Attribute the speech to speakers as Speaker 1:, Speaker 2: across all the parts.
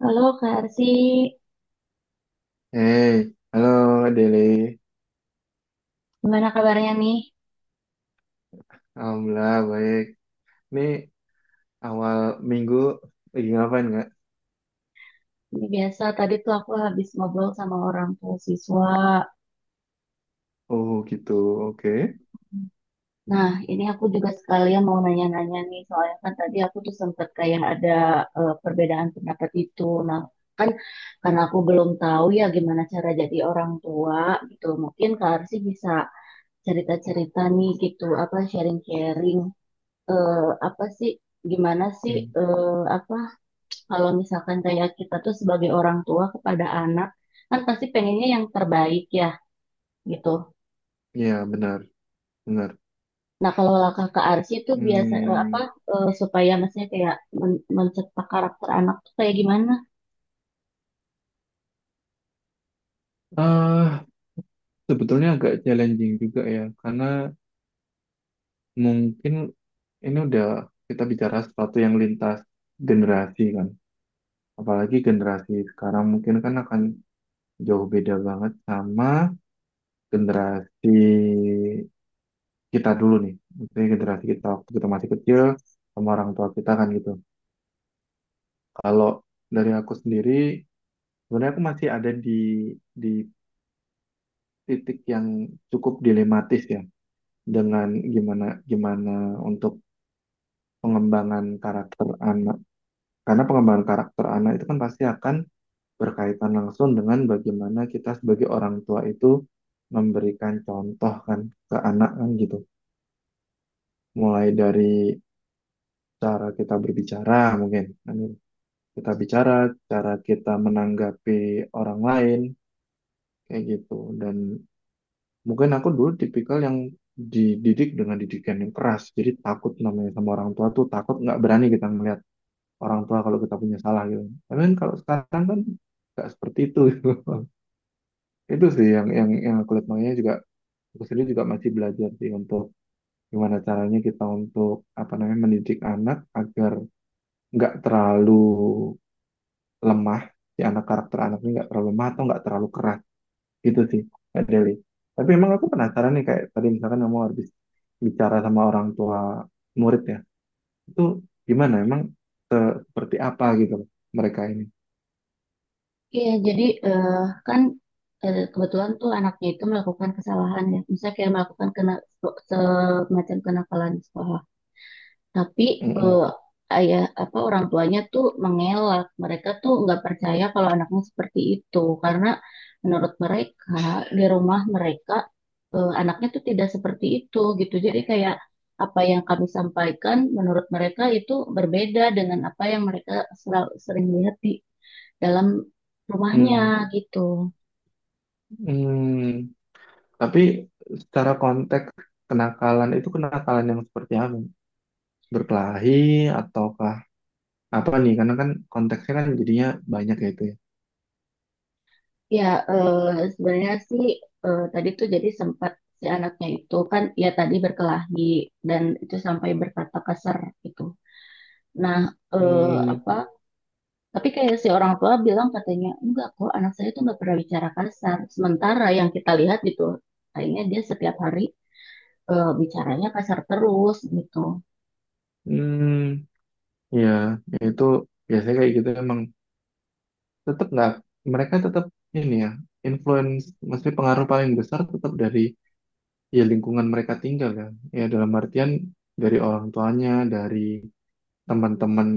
Speaker 1: Halo Kak Arsi,
Speaker 2: Hey, halo Deli.
Speaker 1: gimana kabarnya nih?
Speaker 2: Alhamdulillah baik. Ini awal minggu lagi ngapain nggak?
Speaker 1: Ini biasa, tadi tuh aku habis ngobrol sama orang tua siswa.
Speaker 2: Oh gitu, oke.
Speaker 1: Nah, ini aku juga sekalian mau nanya-nanya nih, soalnya kan tadi aku tuh sempet kayak ada perbedaan pendapat itu. Nah, kan karena aku belum tahu ya gimana cara jadi orang tua gitu. Mungkin Kak Arsi bisa cerita-cerita nih gitu, apa sharing-sharing, eh, apa sih, gimana sih,
Speaker 2: Hmm.
Speaker 1: apa kalau misalkan kayak kita tuh sebagai orang tua kepada anak kan pasti pengennya yang terbaik ya gitu.
Speaker 2: Ya benar, benar.
Speaker 1: Nah kalau langkah ke Arsy itu biasa apa
Speaker 2: Hmm,
Speaker 1: supaya maksudnya kayak mencetak karakter anak tuh kayak gimana?
Speaker 2: ah Sebetulnya agak challenging juga ya, karena mungkin ini udah kita bicara sesuatu yang lintas generasi kan. Apalagi generasi sekarang mungkin kan akan jauh beda banget sama generasi kita dulu nih, maksudnya generasi kita waktu kita masih kecil sama orang tua kita kan gitu. Kalau dari aku sendiri, sebenarnya aku masih ada di titik yang cukup dilematis ya, dengan gimana gimana untuk pengembangan karakter anak. Karena pengembangan karakter anak itu kan pasti akan berkaitan langsung dengan bagaimana kita sebagai orang tua itu memberikan contoh kan ke anak kan gitu. Mulai dari cara kita berbicara mungkin. Kan gitu. Kita bicara, cara kita menanggapi orang lain, kayak gitu. Dan mungkin aku dulu tipikal yang dididik dengan didikan yang keras. Jadi takut namanya sama orang tua tuh, takut nggak berani kita melihat orang tua kalau kita punya salah gitu. Tapi kan kalau sekarang kan nggak seperti itu, gitu. Itu sih yang aku lihat, makanya juga aku sendiri juga masih belajar sih untuk gimana caranya kita untuk apa namanya mendidik anak agar nggak terlalu lemah, si anak karakter anaknya nggak terlalu lemah atau nggak terlalu keras. Itu sih, Kak Deli. Tapi emang aku penasaran nih, kayak tadi misalkan kamu habis bicara sama orang tua murid ya, itu gimana? Emang seperti apa gitu loh mereka ini?
Speaker 1: Iya jadi kan kebetulan tuh anaknya itu melakukan kesalahan ya, misalnya kayak melakukan kena semacam kenakalan di sekolah. Tapi
Speaker 2: Mm-mm.
Speaker 1: eh, ayah apa orang tuanya tuh mengelak. Mereka tuh nggak percaya kalau anaknya seperti itu karena menurut mereka di rumah mereka anaknya tuh tidak seperti itu gitu. Jadi kayak apa yang kami sampaikan menurut mereka itu berbeda dengan apa yang mereka sering lihat di dalam
Speaker 2: Mm.
Speaker 1: rumahnya gitu.
Speaker 2: Mm. Tapi secara konteks, kenakalan itu kenakalan yang seperti apa? Berkelahi ataukah apa nih? Karena kan konteksnya kan jadinya banyak ya itu ya.
Speaker 1: Ya, sebenarnya sih tadi tuh jadi sempat si anaknya itu kan ya tadi berkelahi dan itu sampai berkata kasar gitu. Nah, eh,
Speaker 2: Hmm,
Speaker 1: apa? Tapi kayak si orang tua bilang katanya enggak kok anak saya tuh nggak pernah bicara kasar. Sementara yang kita lihat gitu, kayaknya dia setiap hari bicaranya kasar terus gitu.
Speaker 2: hmm, Ya itu biasanya kayak gitu emang, tetap nggak, mereka tetap ini ya, influence maksudnya pengaruh paling besar tetap dari ya lingkungan mereka tinggal kan ya, dalam artian dari orang tuanya, dari teman-teman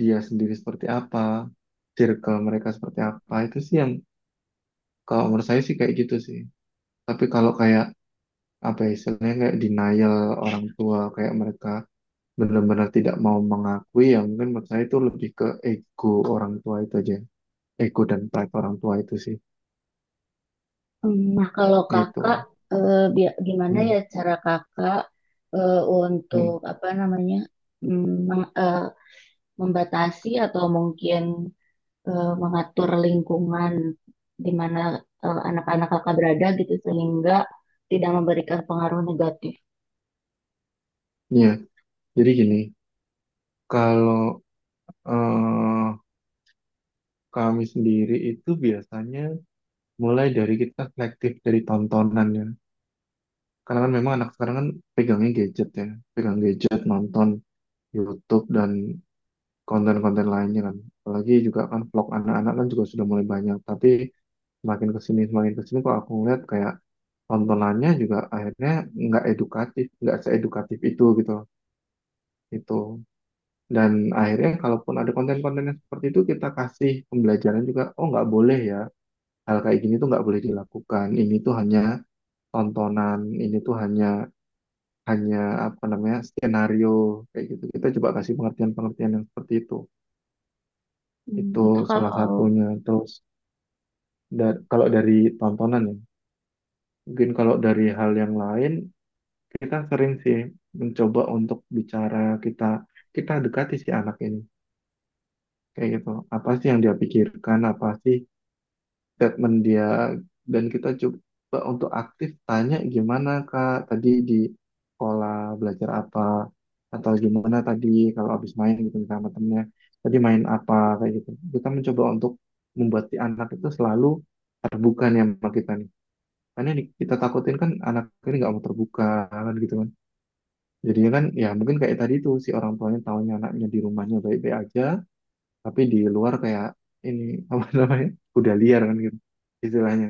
Speaker 2: dia sendiri seperti apa, circle mereka seperti apa, itu sih yang kalau menurut saya sih kayak gitu sih. Tapi kalau kayak apa ya, istilahnya kayak denial orang tua, kayak mereka benar-benar tidak mau mengakui, ya mungkin menurut saya itu lebih ke ego orang tua itu aja, ego dan pride orang tua itu sih.
Speaker 1: Hmm. Nah, kalau kakak
Speaker 2: Itu.
Speaker 1: gimana
Speaker 2: Hmm.
Speaker 1: ya cara kakak untuk
Speaker 2: Hmm.
Speaker 1: apa namanya? mm, meng- eh, membatasi atau mungkin mengatur lingkungan di mana anak-anak kakak berada gitu sehingga tidak memberikan pengaruh negatif.
Speaker 2: Ya, jadi gini, kalau eh, kami sendiri itu biasanya mulai dari kita selektif dari tontonan ya. Karena kan memang anak sekarang kan pegangnya gadget ya, pegang gadget, nonton YouTube dan konten-konten lainnya kan. Apalagi juga kan vlog anak-anak kan juga sudah mulai banyak. Tapi semakin kesini kok aku ngeliat kayak tontonannya juga akhirnya nggak edukatif, nggak seedukatif itu gitu. Itu. Dan akhirnya kalaupun ada konten-konten yang seperti itu kita kasih pembelajaran juga, oh nggak boleh ya, hal kayak gini tuh nggak boleh dilakukan. Ini tuh hanya tontonan, ini tuh hanya hanya apa namanya, skenario kayak gitu. Kita coba kasih pengertian-pengertian yang seperti itu.
Speaker 1: Hmm,
Speaker 2: Itu
Speaker 1: itu
Speaker 2: salah
Speaker 1: kalau
Speaker 2: satunya. Terus kalau dari tontonan ya, mungkin kalau dari hal yang lain, kita sering sih mencoba untuk bicara, kita kita dekati si anak ini kayak gitu. Apa sih yang dia pikirkan? Apa sih statement dia, dan kita coba untuk aktif tanya, gimana Kak tadi di sekolah belajar apa, atau gimana tadi kalau habis main gitu misalnya sama temennya, tadi main apa kayak gitu. Kita mencoba untuk membuat si anak itu selalu terbuka nih sama kita nih, karena yang kita takutin kan anak ini nggak mau terbuka kan gitu kan, jadinya kan ya mungkin kayak tadi tuh si orang tuanya tahunya anaknya di rumahnya baik-baik aja, tapi di luar kayak ini apa namanya udah liar kan gitu istilahnya.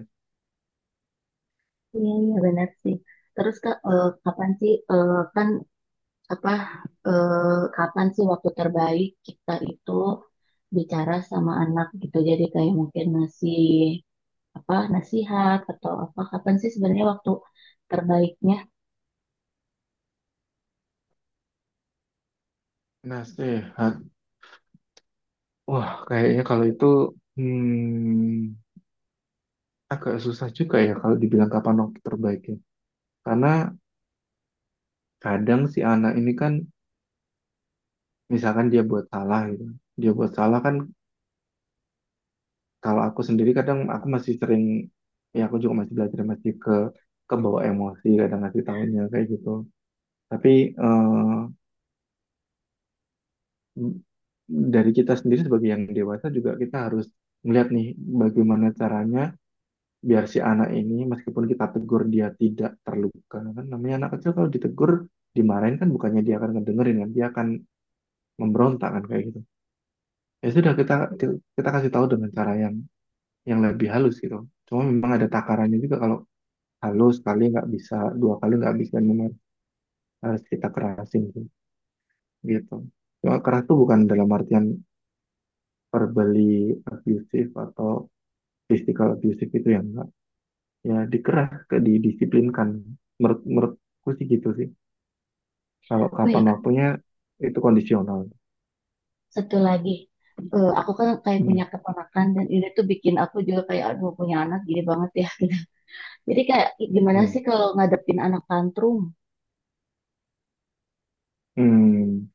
Speaker 1: iya, iya benar sih. Terus kak kapan sih kan apa eh, kapan sih waktu terbaik kita itu bicara sama anak gitu. Jadi kayak mungkin masih apa nasihat atau apa kapan sih sebenarnya waktu terbaiknya?
Speaker 2: Nasihat. Wah, kayaknya kalau itu hmm, agak susah juga ya kalau dibilang kapan waktu terbaiknya. Karena kadang si anak ini kan, misalkan dia buat salah gitu. Dia buat salah kan, kalau aku sendiri kadang aku masih sering, ya aku juga masih belajar, masih kebawa emosi kadang ngasih tahunya kayak gitu. Tapi eh, dari kita sendiri sebagai yang dewasa juga, kita harus melihat nih bagaimana caranya biar si anak ini meskipun kita tegur dia tidak terluka, kan namanya anak kecil kalau ditegur dimarahin kan bukannya dia akan ngedengerin, kan dia akan memberontak kan kayak gitu. Ya sudah kita kita kasih tahu dengan cara yang lebih halus gitu, cuma memang ada takarannya juga, kalau halus sekali nggak bisa, dua kali nggak bisa, memang harus kita kerasin sih, gitu. Cuma keras tuh bukan dalam artian verbally abusive atau physical abusive, itu yang enggak. Ya dikeras ke didisiplinkan, menurutku sih gitu sih. Kalau
Speaker 1: Oh ya,
Speaker 2: kapan waktunya, itu kondisional.
Speaker 1: satu lagi, aku kan kayak punya
Speaker 2: Hmm.
Speaker 1: keponakan dan ini tuh bikin aku juga kayak aduh punya anak gini banget ya. gitu. Jadi kayak gimana
Speaker 2: Hmm.
Speaker 1: sih kalau ngadepin anak tantrum?
Speaker 2: Hmm.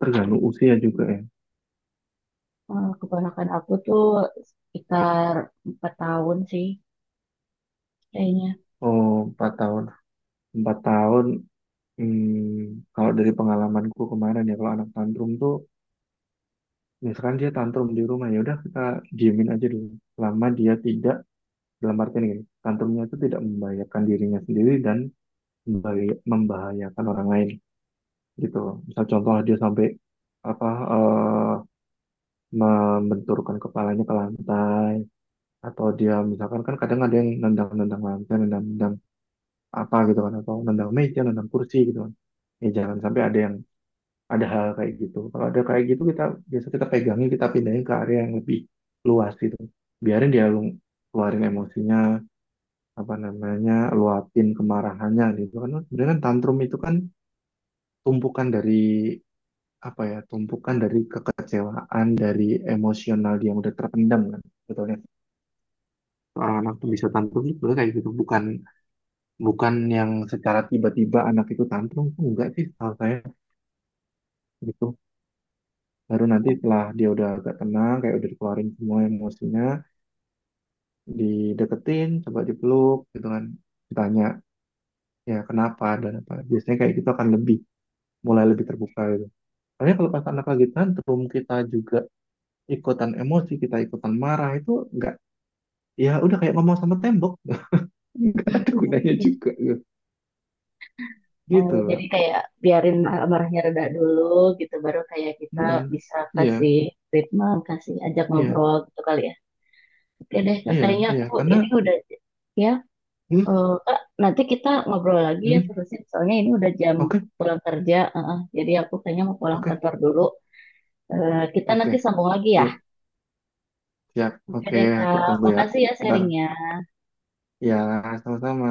Speaker 2: Tergantung usia juga ya.
Speaker 1: Eh, keponakan aku tuh sekitar 4 tahun sih kayaknya.
Speaker 2: Oh, 4 tahun. Empat tahun. Hmm. Kalau dari pengalamanku kemarin ya, kalau anak tantrum tuh, misalkan dia tantrum di rumah, ya udah kita diemin aja dulu. Selama dia tidak, dalam artian gini, tantrumnya itu tidak membahayakan dirinya sendiri dan membahayakan orang lain gitu. Misal contoh dia sampai apa eh membenturkan kepalanya ke lantai, atau dia misalkan kan kadang ada yang nendang-nendang lantai, nendang-nendang apa gitu kan, atau nendang meja, nendang kursi gitu kan. Ya jangan sampai ada yang ada hal kayak gitu. Kalau ada kayak gitu, kita biasa kita pegangin, kita pindahin ke area yang lebih luas gitu. Biarin dia keluarin emosinya, apa namanya, luapin kemarahannya gitu kan. Sebenarnya kan tantrum itu kan tumpukan dari apa ya, tumpukan dari kekecewaan, dari emosional dia yang udah terpendam kan. Betulnya orang anak tuh bisa tantrum itu kayak gitu, bukan bukan yang secara tiba-tiba anak itu tantrum tuh enggak sih kalau saya gitu. Baru nanti setelah dia udah agak tenang, kayak udah dikeluarin semua emosinya, dideketin coba dipeluk gitu kan, ditanya ya kenapa dan apa, biasanya kayak gitu akan lebih mulai lebih terbuka gitu. Tapi kalau pas anak lagi tantrum kita juga ikutan emosi, kita ikutan marah, itu enggak. Ya udah kayak ngomong sama tembok enggak ada gunanya juga gitu.
Speaker 1: Oh
Speaker 2: Gitu
Speaker 1: ya,
Speaker 2: Pak.
Speaker 1: jadi kayak biarin marahnya reda dulu gitu, baru kayak kita
Speaker 2: Mm-mm.
Speaker 1: bisa
Speaker 2: Iya,
Speaker 1: kasih treatment, kasih ajak
Speaker 2: iya,
Speaker 1: ngobrol gitu kali ya. Oke deh,
Speaker 2: iya,
Speaker 1: kayaknya
Speaker 2: iya
Speaker 1: aku
Speaker 2: karena
Speaker 1: ini udah ya.
Speaker 2: hmm,
Speaker 1: Eh, Kak, nanti kita ngobrol lagi ya
Speaker 2: hmm,
Speaker 1: terusin. Soalnya ini udah jam
Speaker 2: oke.
Speaker 1: pulang kerja. Eh. Jadi aku kayaknya mau pulang
Speaker 2: Oke,
Speaker 1: kantor dulu. Eh, kita
Speaker 2: oke,
Speaker 1: nanti sambung lagi ya.
Speaker 2: siap, siap.
Speaker 1: Oke
Speaker 2: Oke,
Speaker 1: deh,
Speaker 2: aku
Speaker 1: Kak.
Speaker 2: tunggu ya.
Speaker 1: Makasih ya
Speaker 2: Ntar.
Speaker 1: sharingnya.
Speaker 2: Ya, sama-sama.